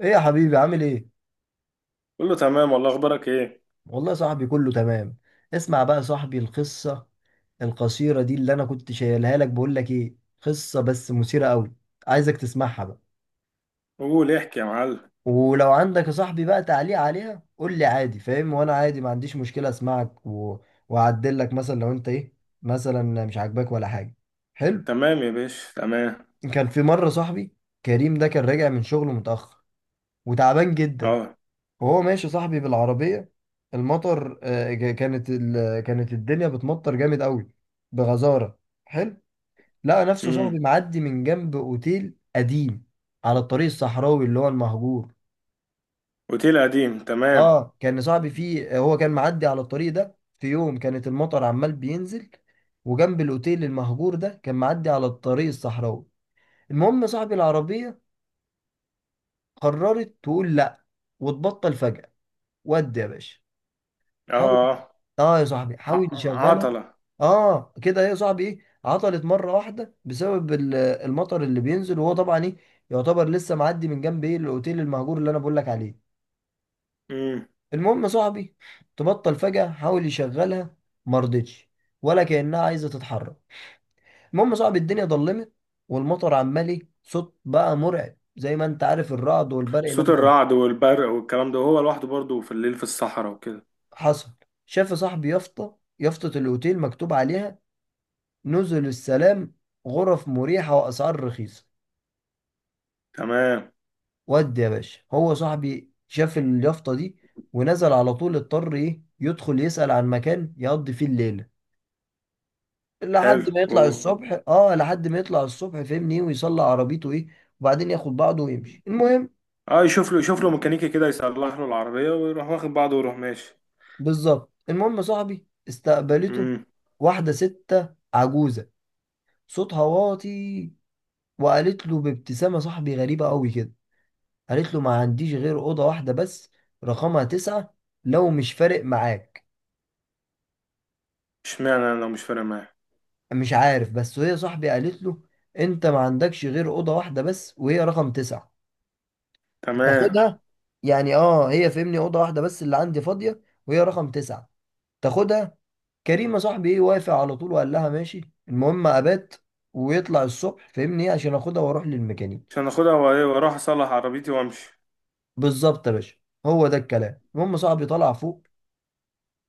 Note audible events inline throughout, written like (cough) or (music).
ايه يا حبيبي، عامل ايه؟ قول له تمام والله اخبارك ايه؟ والله يا صاحبي، كله تمام. اسمع بقى يا صاحبي، القصة القصيرة دي اللي انا كنت شايلها لك، بقول لك ايه، قصة بس مثيرة قوي. عايزك تسمعها بقى. قول احكي يا معلم. ولو عندك يا صاحبي بقى تعليق عليها قول لي عادي، فاهم، وانا عادي ما عنديش مشكلة اسمعك واعدل لك مثلا لو انت ايه، مثلا مش عاجباك ولا حاجة. حلو. تمام يا باشا، تمام. كان في مرة صاحبي كريم ده كان راجع من شغله متأخر وتعبان جدا. اه. وهو ماشي صاحبي بالعربية المطر كانت الدنيا بتمطر جامد قوي، بغزارة. حلو. لقى نفسه امم. صاحبي معدي من جنب اوتيل قديم على الطريق الصحراوي اللي هو المهجور. اوتيل قديم، تمام. اه، كان صاحبي فيه، هو كان معدي على الطريق ده في يوم كانت المطر عمال بينزل، وجنب الاوتيل المهجور ده كان معدي على الطريق الصحراوي. المهم صاحبي العربية قررت تقول لا وتبطل فجأة، ودي يا باشا. حاول، اه. اه يا صاحبي ع- حاول يشغلها. عطلة. اه كده، ايه يا صاحبي ايه، عطلت مره واحده بسبب المطر اللي بينزل، وهو طبعا ايه، يعتبر لسه معدي من جنب ايه الاوتيل المهجور اللي انا بقول لك عليه. امم. المهم يا صاحبي، تبطل فجاه، حاول يشغلها، ما رضتش، ولا كانها عايزه تتحرك. المهم يا صاحبي، الدنيا ضلمت، والمطر عمال ايه صوت بقى مرعب، زي ما انت عارف، الرعد والبرق صوت لما. الرعد والبرق والكلام ده، وهو لوحده برضه في الليل في الصحراء وكده. حصل. شاف يا صاحبي يافطه، الاوتيل مكتوب عليها نزل السلام، غرف مريحة وأسعار رخيصة. تمام. ودي يا باشا هو صاحبي شاف اليافطة دي، ونزل على طول، اضطر ايه يدخل يسأل عن مكان يقضي فيه الليلة لحد حلو ما يطلع الصبح، اه لحد ما يطلع الصبح، فاهمني إيه، ويصلي عربيته ايه، وبعدين ياخد بعضه ويمشي، المهم. اه، يشوف له، يشوف له ميكانيكي كده يصلح له العربية ويروح واخد بعضه ويروح ماشي. بالظبط المهم صاحبي استقبلته امم. واحدة ستة عجوزة صوتها واطي. وقالت له بابتسامة صاحبي غريبة قوي كده، قالت له ما عنديش غير أوضة واحدة بس، رقمها تسعة، لو مش فارق معاك. اشمعنى انا لو مش فارق معاه؟ مش عارف بس وهي صاحبي قالت له، أنت ما عندكش غير أوضة واحدة بس وهي رقم تسعة، تمام. تاخدها، يعني اه هي فهمني أوضة واحدة بس اللي عندي فاضية، وهي رقم تسعة، تاخدها. كريمة صاحبي ايه، وافق على طول وقال لها ماشي، المهم أبات ويطلع الصبح فهمني ايه عشان اخدها واروح للميكانيك. عشان اخدها وايه واروح اصلح عربيتي وامشي. بالظبط يا باشا، هو ده الكلام، المهم صاحبي طلع فوق،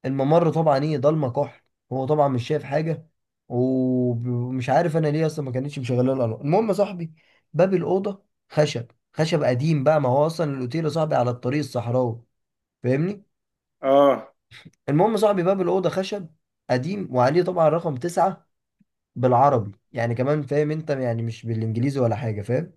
الممر طبعا ايه ضلمه كحل. هو طبعا مش شايف حاجه، ومش عارف انا ليه اصلا ما كانتش مشغله الالوان، المهم يا صاحبي باب الاوضه خشب، خشب قديم بقى، ما هو اصلا الاوتيل يا صاحبي على الطريق الصحراوي، فاهمني. اه المهم يا صاحبي باب الاوضه خشب قديم، وعليه طبعا رقم تسعة بالعربي يعني كمان، فاهم انت، يعني مش بالانجليزي ولا حاجه، فاهم.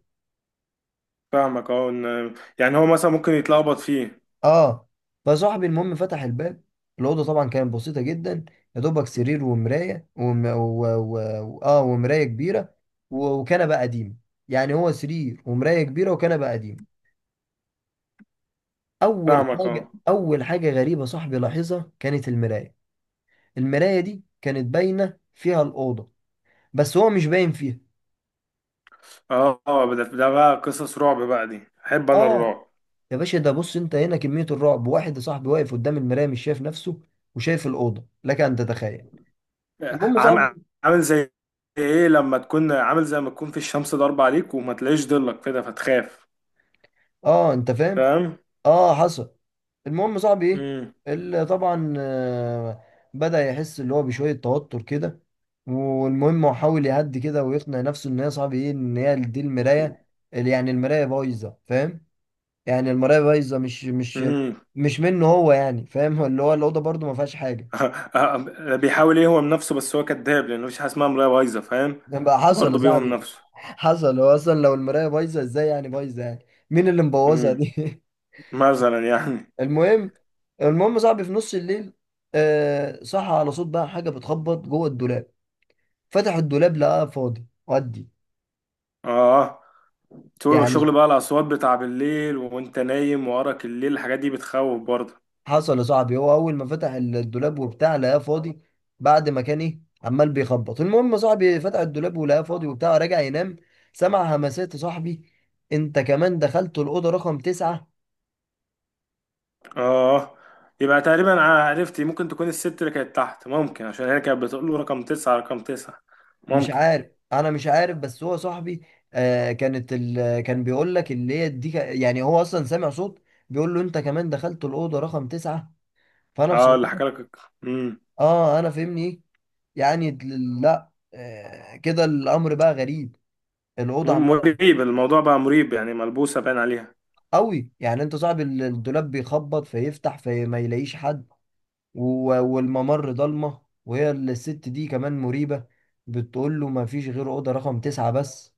فاهمك. اه يعني هو مثلا ممكن يتلخبط فيه. اه، فصاحبي المهم فتح الباب، الاوضه طبعا كانت بسيطه جدا. يا دوبك سرير ومرايه وم... و... و... و... اه ومرايه كبيره وكنبه قديمه. يعني هو سرير ومرايه كبيره وكنبه قديمه. اول فاهمك، حاجه اه. اول حاجه غريبه صاحبي لاحظها كانت المرايه. المرايه دي كانت باينه فيها الاوضه، بس هو مش باين فيها. اه، ده بقى قصص رعب بقى، دي احب انا اه الرعب. يا باشا ده، بص انت هنا كميه الرعب، واحد يا صاحبي واقف قدام المرايه مش شايف نفسه وشايف الاوضه، لك ان تتخيل. المهم عام صاحبي. عامل زي ايه، لما تكون عامل زي ما تكون في الشمس ضاربة عليك وما تلاقيش ضلك كده فتخاف. اه، انت فاهم. فاهم. اه حصل. المهم صاحبي امم. ايه، اللي طبعا بدأ يحس اللي هو بشوية توتر كده. والمهم هو حاول يهدي كده ويقنع نفسه ان هي صاحبي ايه ان هي دي المراية، اللي يعني المراية بايظة، فاهم. يعني المراية بايظة، مش مش امم. مش منه هو، يعني فاهم. (laughs) اللي هو الأوضة برضو ما فيهاش حاجة. (laughs) بيحاول يهوم نفسه، بس هو كذاب لانه مفيش حاجه اسمها مرايه بايظه، فاهم؟ بقى هو حصل يا برضه بيهوم صاحبي نفسه. حصل، هو اصلا لو المراية بايظة ازاي يعني بايظة، يعني مين اللي مبوظها امم، دي. مثلا يعني. المهم. يا صاحبي في نص الليل، آه صح على صوت بقى حاجه بتخبط جوه الدولاب. فتح الدولاب لقاه فاضي، ودي اه، شغل يعني. بقى الاصوات بتاع بالليل وانت نايم وراك الليل، الحاجات دي بتخوف برضه. حصل يا صاحبي هو اول ما فتح الدولاب وبتاع لقاه فاضي، بعد ما كان ايه عمال بيخبط، المهم يا صاحبي فتح الدولاب ولقاه فاضي وبتاع، رجع ينام. سمع همسات يا صاحبي، انت كمان دخلت الاوضه رقم تسعة. اه، يبقى تقريبا انا عرفت. ممكن تكون الست اللي كانت تحت، ممكن، عشان هي كانت بتقول له رقم تسعة رقم تسعة. مش ممكن. عارف، انا مش عارف بس هو صاحبي كان بيقول لك اللي هي دي يعني هو اصلا سامع صوت بيقول له انت كمان دخلت الاوضه رقم تسعة. فانا اه، اللي بصراحه حكى لك. امم. اه انا فهمني ايه، يعني لا، كده الامر بقى غريب. الاوضه عماله مريب، الموضوع بقى مريب، يعني ملبوسة باين عليها. قوي، يعني انت صاحب الدولاب بيخبط فيفتح فما يلاقيش حد، و... والممر ضلمه، وهي الست دي كمان مريبه. بتقول له ما فيش غير اوضه رقم تسعة بس،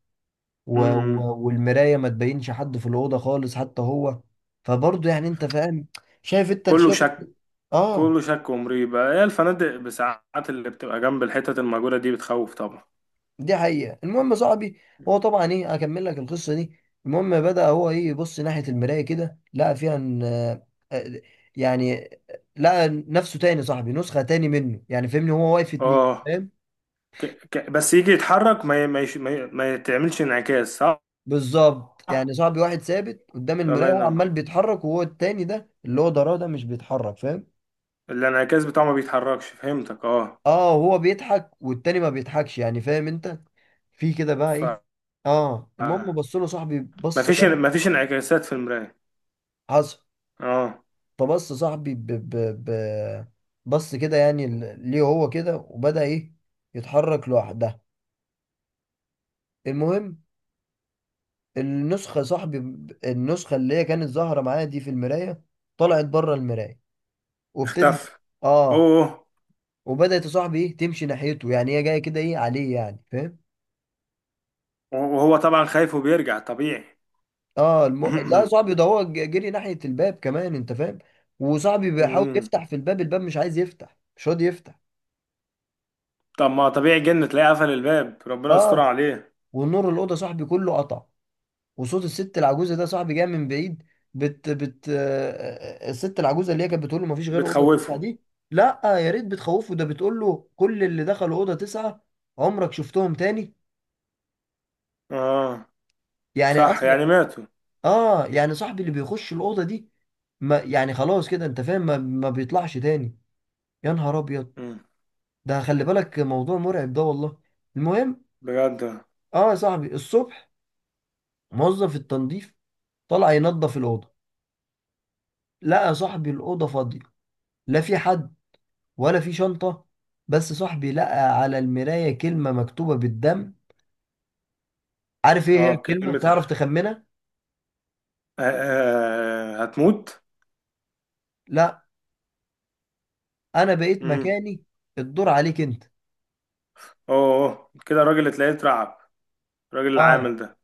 امم. والمراية ما تبينش حد في الأوضة خالص، حتى هو. فبرضه يعني انت فاهم، شايف انت، كله شايف انت. شك. كله اه شك ومريب. هي الفنادق بساعات اللي بتبقى جنب الحتت المأجورة دي بتخوف طبعا. دي حقيقة. المهم يا صاحبي، هو طبعا ايه، اكمل لك القصة دي. المهم بدأ هو ايه يبص ناحية المراية كده، لقى فيها ان آه، يعني لقى نفسه تاني يا صاحبي، نسخة تاني منه، يعني فهمني هو واقف اتنين، اه، فاهم. بس يجي يتحرك ما ي... ما, يش... ما, ي... ما يتعملش انعكاس، صح. بالظبط يعني صاحبي واحد ثابت قدام الله المراية وهو ينور. عمال بيتحرك، وهو التاني ده اللي هو ضراه ده مش بيتحرك، فاهم. الانعكاس بتاعه ما بيتحركش، فهمتك، اه. اه هو بيضحك والتاني ما بيضحكش، يعني فاهم انت في كده بقى ايه. اه ف المهم بص له صاحبي بص مفيش جنب، مفيش انعكاسات في المراية. حصل. اه. فبص صاحبي ب... بص كده، يعني ليه هو كده، وبدأ ايه يتحرك لوحدها. المهم النسخة صاحبي، النسخة اللي هي كانت ظاهرة معايا دي في المراية طلعت بره المراية، وابتدت اختفى. اه اوه. وبدأت يا صاحبي ايه تمشي ناحيته، يعني هي جاية كده ايه عليه، يعني فاهم. وهو طبعا خايف وبيرجع طبيعي. اه لا (clears throat) صاحبي ده هو جري ناحية الباب كمان، انت فاهم. وصاحبي بيحاول أمم. يفتح في الباب، الباب مش عايز يفتح، مش راضي يفتح. طب ما طبيعي، جن، تلاقيه قفل الباب. ربنا يستر اه، عليه. والنور الأوضة صاحبي كله قطع، وصوت الست العجوزة ده صاحبي جاي من بعيد. بت بت آه، الست العجوزة اللي هي كانت بتقول له مفيش غير أوضة تسعة بتخوفه. دي. لا يا ريت بتخوفه، ده بتقول له كل اللي دخلوا أوضة تسعة عمرك شفتهم تاني. اه يعني صح، أصلا. يعني ماتوا. اه يعني صاحبي اللي بيخش الأوضة دي، ما يعني خلاص كده انت فاهم، ما بيطلعش تاني. يا نهار أبيض. أمم. ده خلي بالك موضوع مرعب ده والله. المهم. بجد. اه يا صاحبي الصبح موظف التنظيف طلع ينظف الأوضة، لقى صاحبي الأوضة فاضية، لا في حد ولا في شنطة، بس صاحبي لقى على المراية كلمة مكتوبة بالدم. عارف ايه هي اه، الكلمة؟ تعرف كلمتها تخمنها؟ آه. آه، هتموت. لا. انا بقيت امم. مكاني، الدور عليك انت. اوه، أوه. كده الراجل اللي تلاقيه اترعب. الراجل اه العامل ده.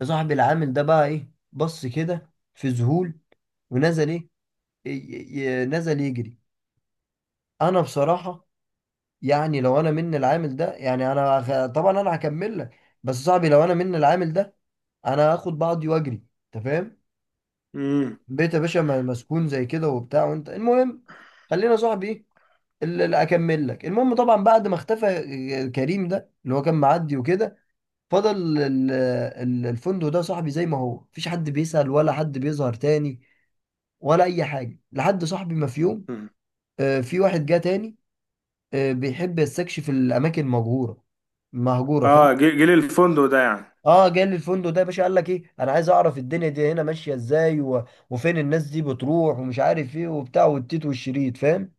يا صاحبي العامل ده بقى ايه، بص كده في ذهول، ونزل ايه، ي- نزل يجري. انا بصراحة، يعني لو انا من العامل ده يعني انا طبعا انا هكمل لك، بس صاحبي لو انا من العامل ده انا هاخد بعضي واجري، انت فاهم. امم. بيت يا باشا مسكون زي كده وبتاع، وانت المهم. خلينا صاحبي ايه اللي اكمل لك، المهم طبعا بعد ما اختفى كريم ده اللي هو كان معدي وكده، فضل ال- الفندق ده صاحبي زي ما هو، مفيش حد بيسأل ولا حد بيظهر تاني، ولا اي حاجه، لحد صاحبي ما في يوم أمم. في واحد جه تاني بيحب يستكشف الاماكن مهجوره، مهجوره فاهم. اه، جيل الفندق ده يعني. اه جاي لي الفندق ده يا باشا قال لك ايه، انا عايز اعرف الدنيا دي هنا ماشيه ازاي وفين الناس دي بتروح ومش عارف ايه وبتاع والتيت والشريط، فاهم.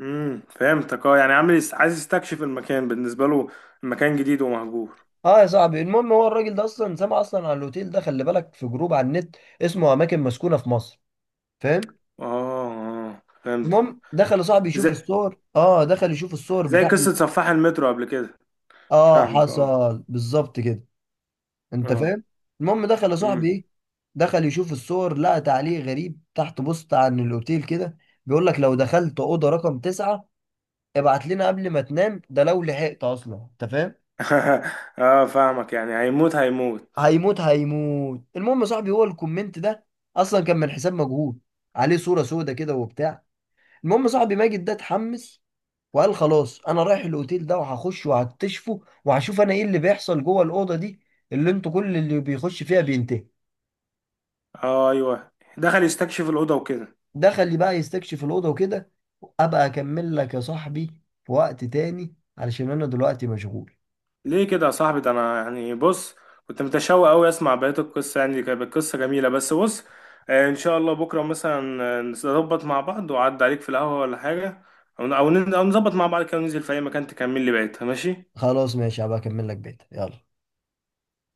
امم، فهمتك، اه. يعني عامل عايز يستكشف المكان. بالنسبه له المكان جديد ومهجور. اه يا صاحبي المهم هو الراجل ده اصلا سمع اصلا عن الاوتيل ده، خلي بالك في جروب على النت اسمه اماكن مسكونه في مصر، فاهم. اه. اه فهمت. المهم دخل يا صاحبي زي يشوف الصور، اه دخل يشوف الصور زي بتاع. قصه سفاح المترو قبل كده. اه فاهمك، اه. حصل بالظبط كده، انت اه. فاهم. المهم دخل يا صاحبي امم. ايه، دخل يشوف الصور، لقى تعليق غريب تحت بوست عن الاوتيل كده، بيقول لك لو دخلت اوضه رقم تسعة، ابعت لنا قبل ما تنام، ده لو لحقت اصلا، انت فاهم. (laughs) اه فاهمك، يعني هيموت، هيموت. هيموت هيموت. المهم يا صاحبي هو الكومنت ده اصلا كان من حساب مجهول، عليه صورة سودة كده وبتاع. المهم يا صاحبي ماجد ده اتحمس وقال خلاص انا رايح الاوتيل ده، وهخش وهكتشفه وهشوف انا ايه اللي بيحصل جوه الاوضه دي، اللي انتوا كل اللي بيخش فيها بينتهي. اه ايوه، دخل يستكشف الاوضه وكده. دخل لي بقى يستكشف الاوضه وكده. ابقى اكمل لك يا صاحبي في وقت تاني علشان انا دلوقتي مشغول. ليه كده يا صاحبي؟ ده انا يعني بص، كنت متشوق قوي اسمع بقيه القصه، يعني كانت القصه جميله. بس بص، ان شاء الله بكره مثلا، نظبط مع بعض وعد عليك في القهوه ولا حاجه. او أو نظبط مع بعض كده وننزل في اي مكان تكمل لي بقيتها، ماشي؟ خلاص ماشي، هبقى اكمل لك بيت، يلا.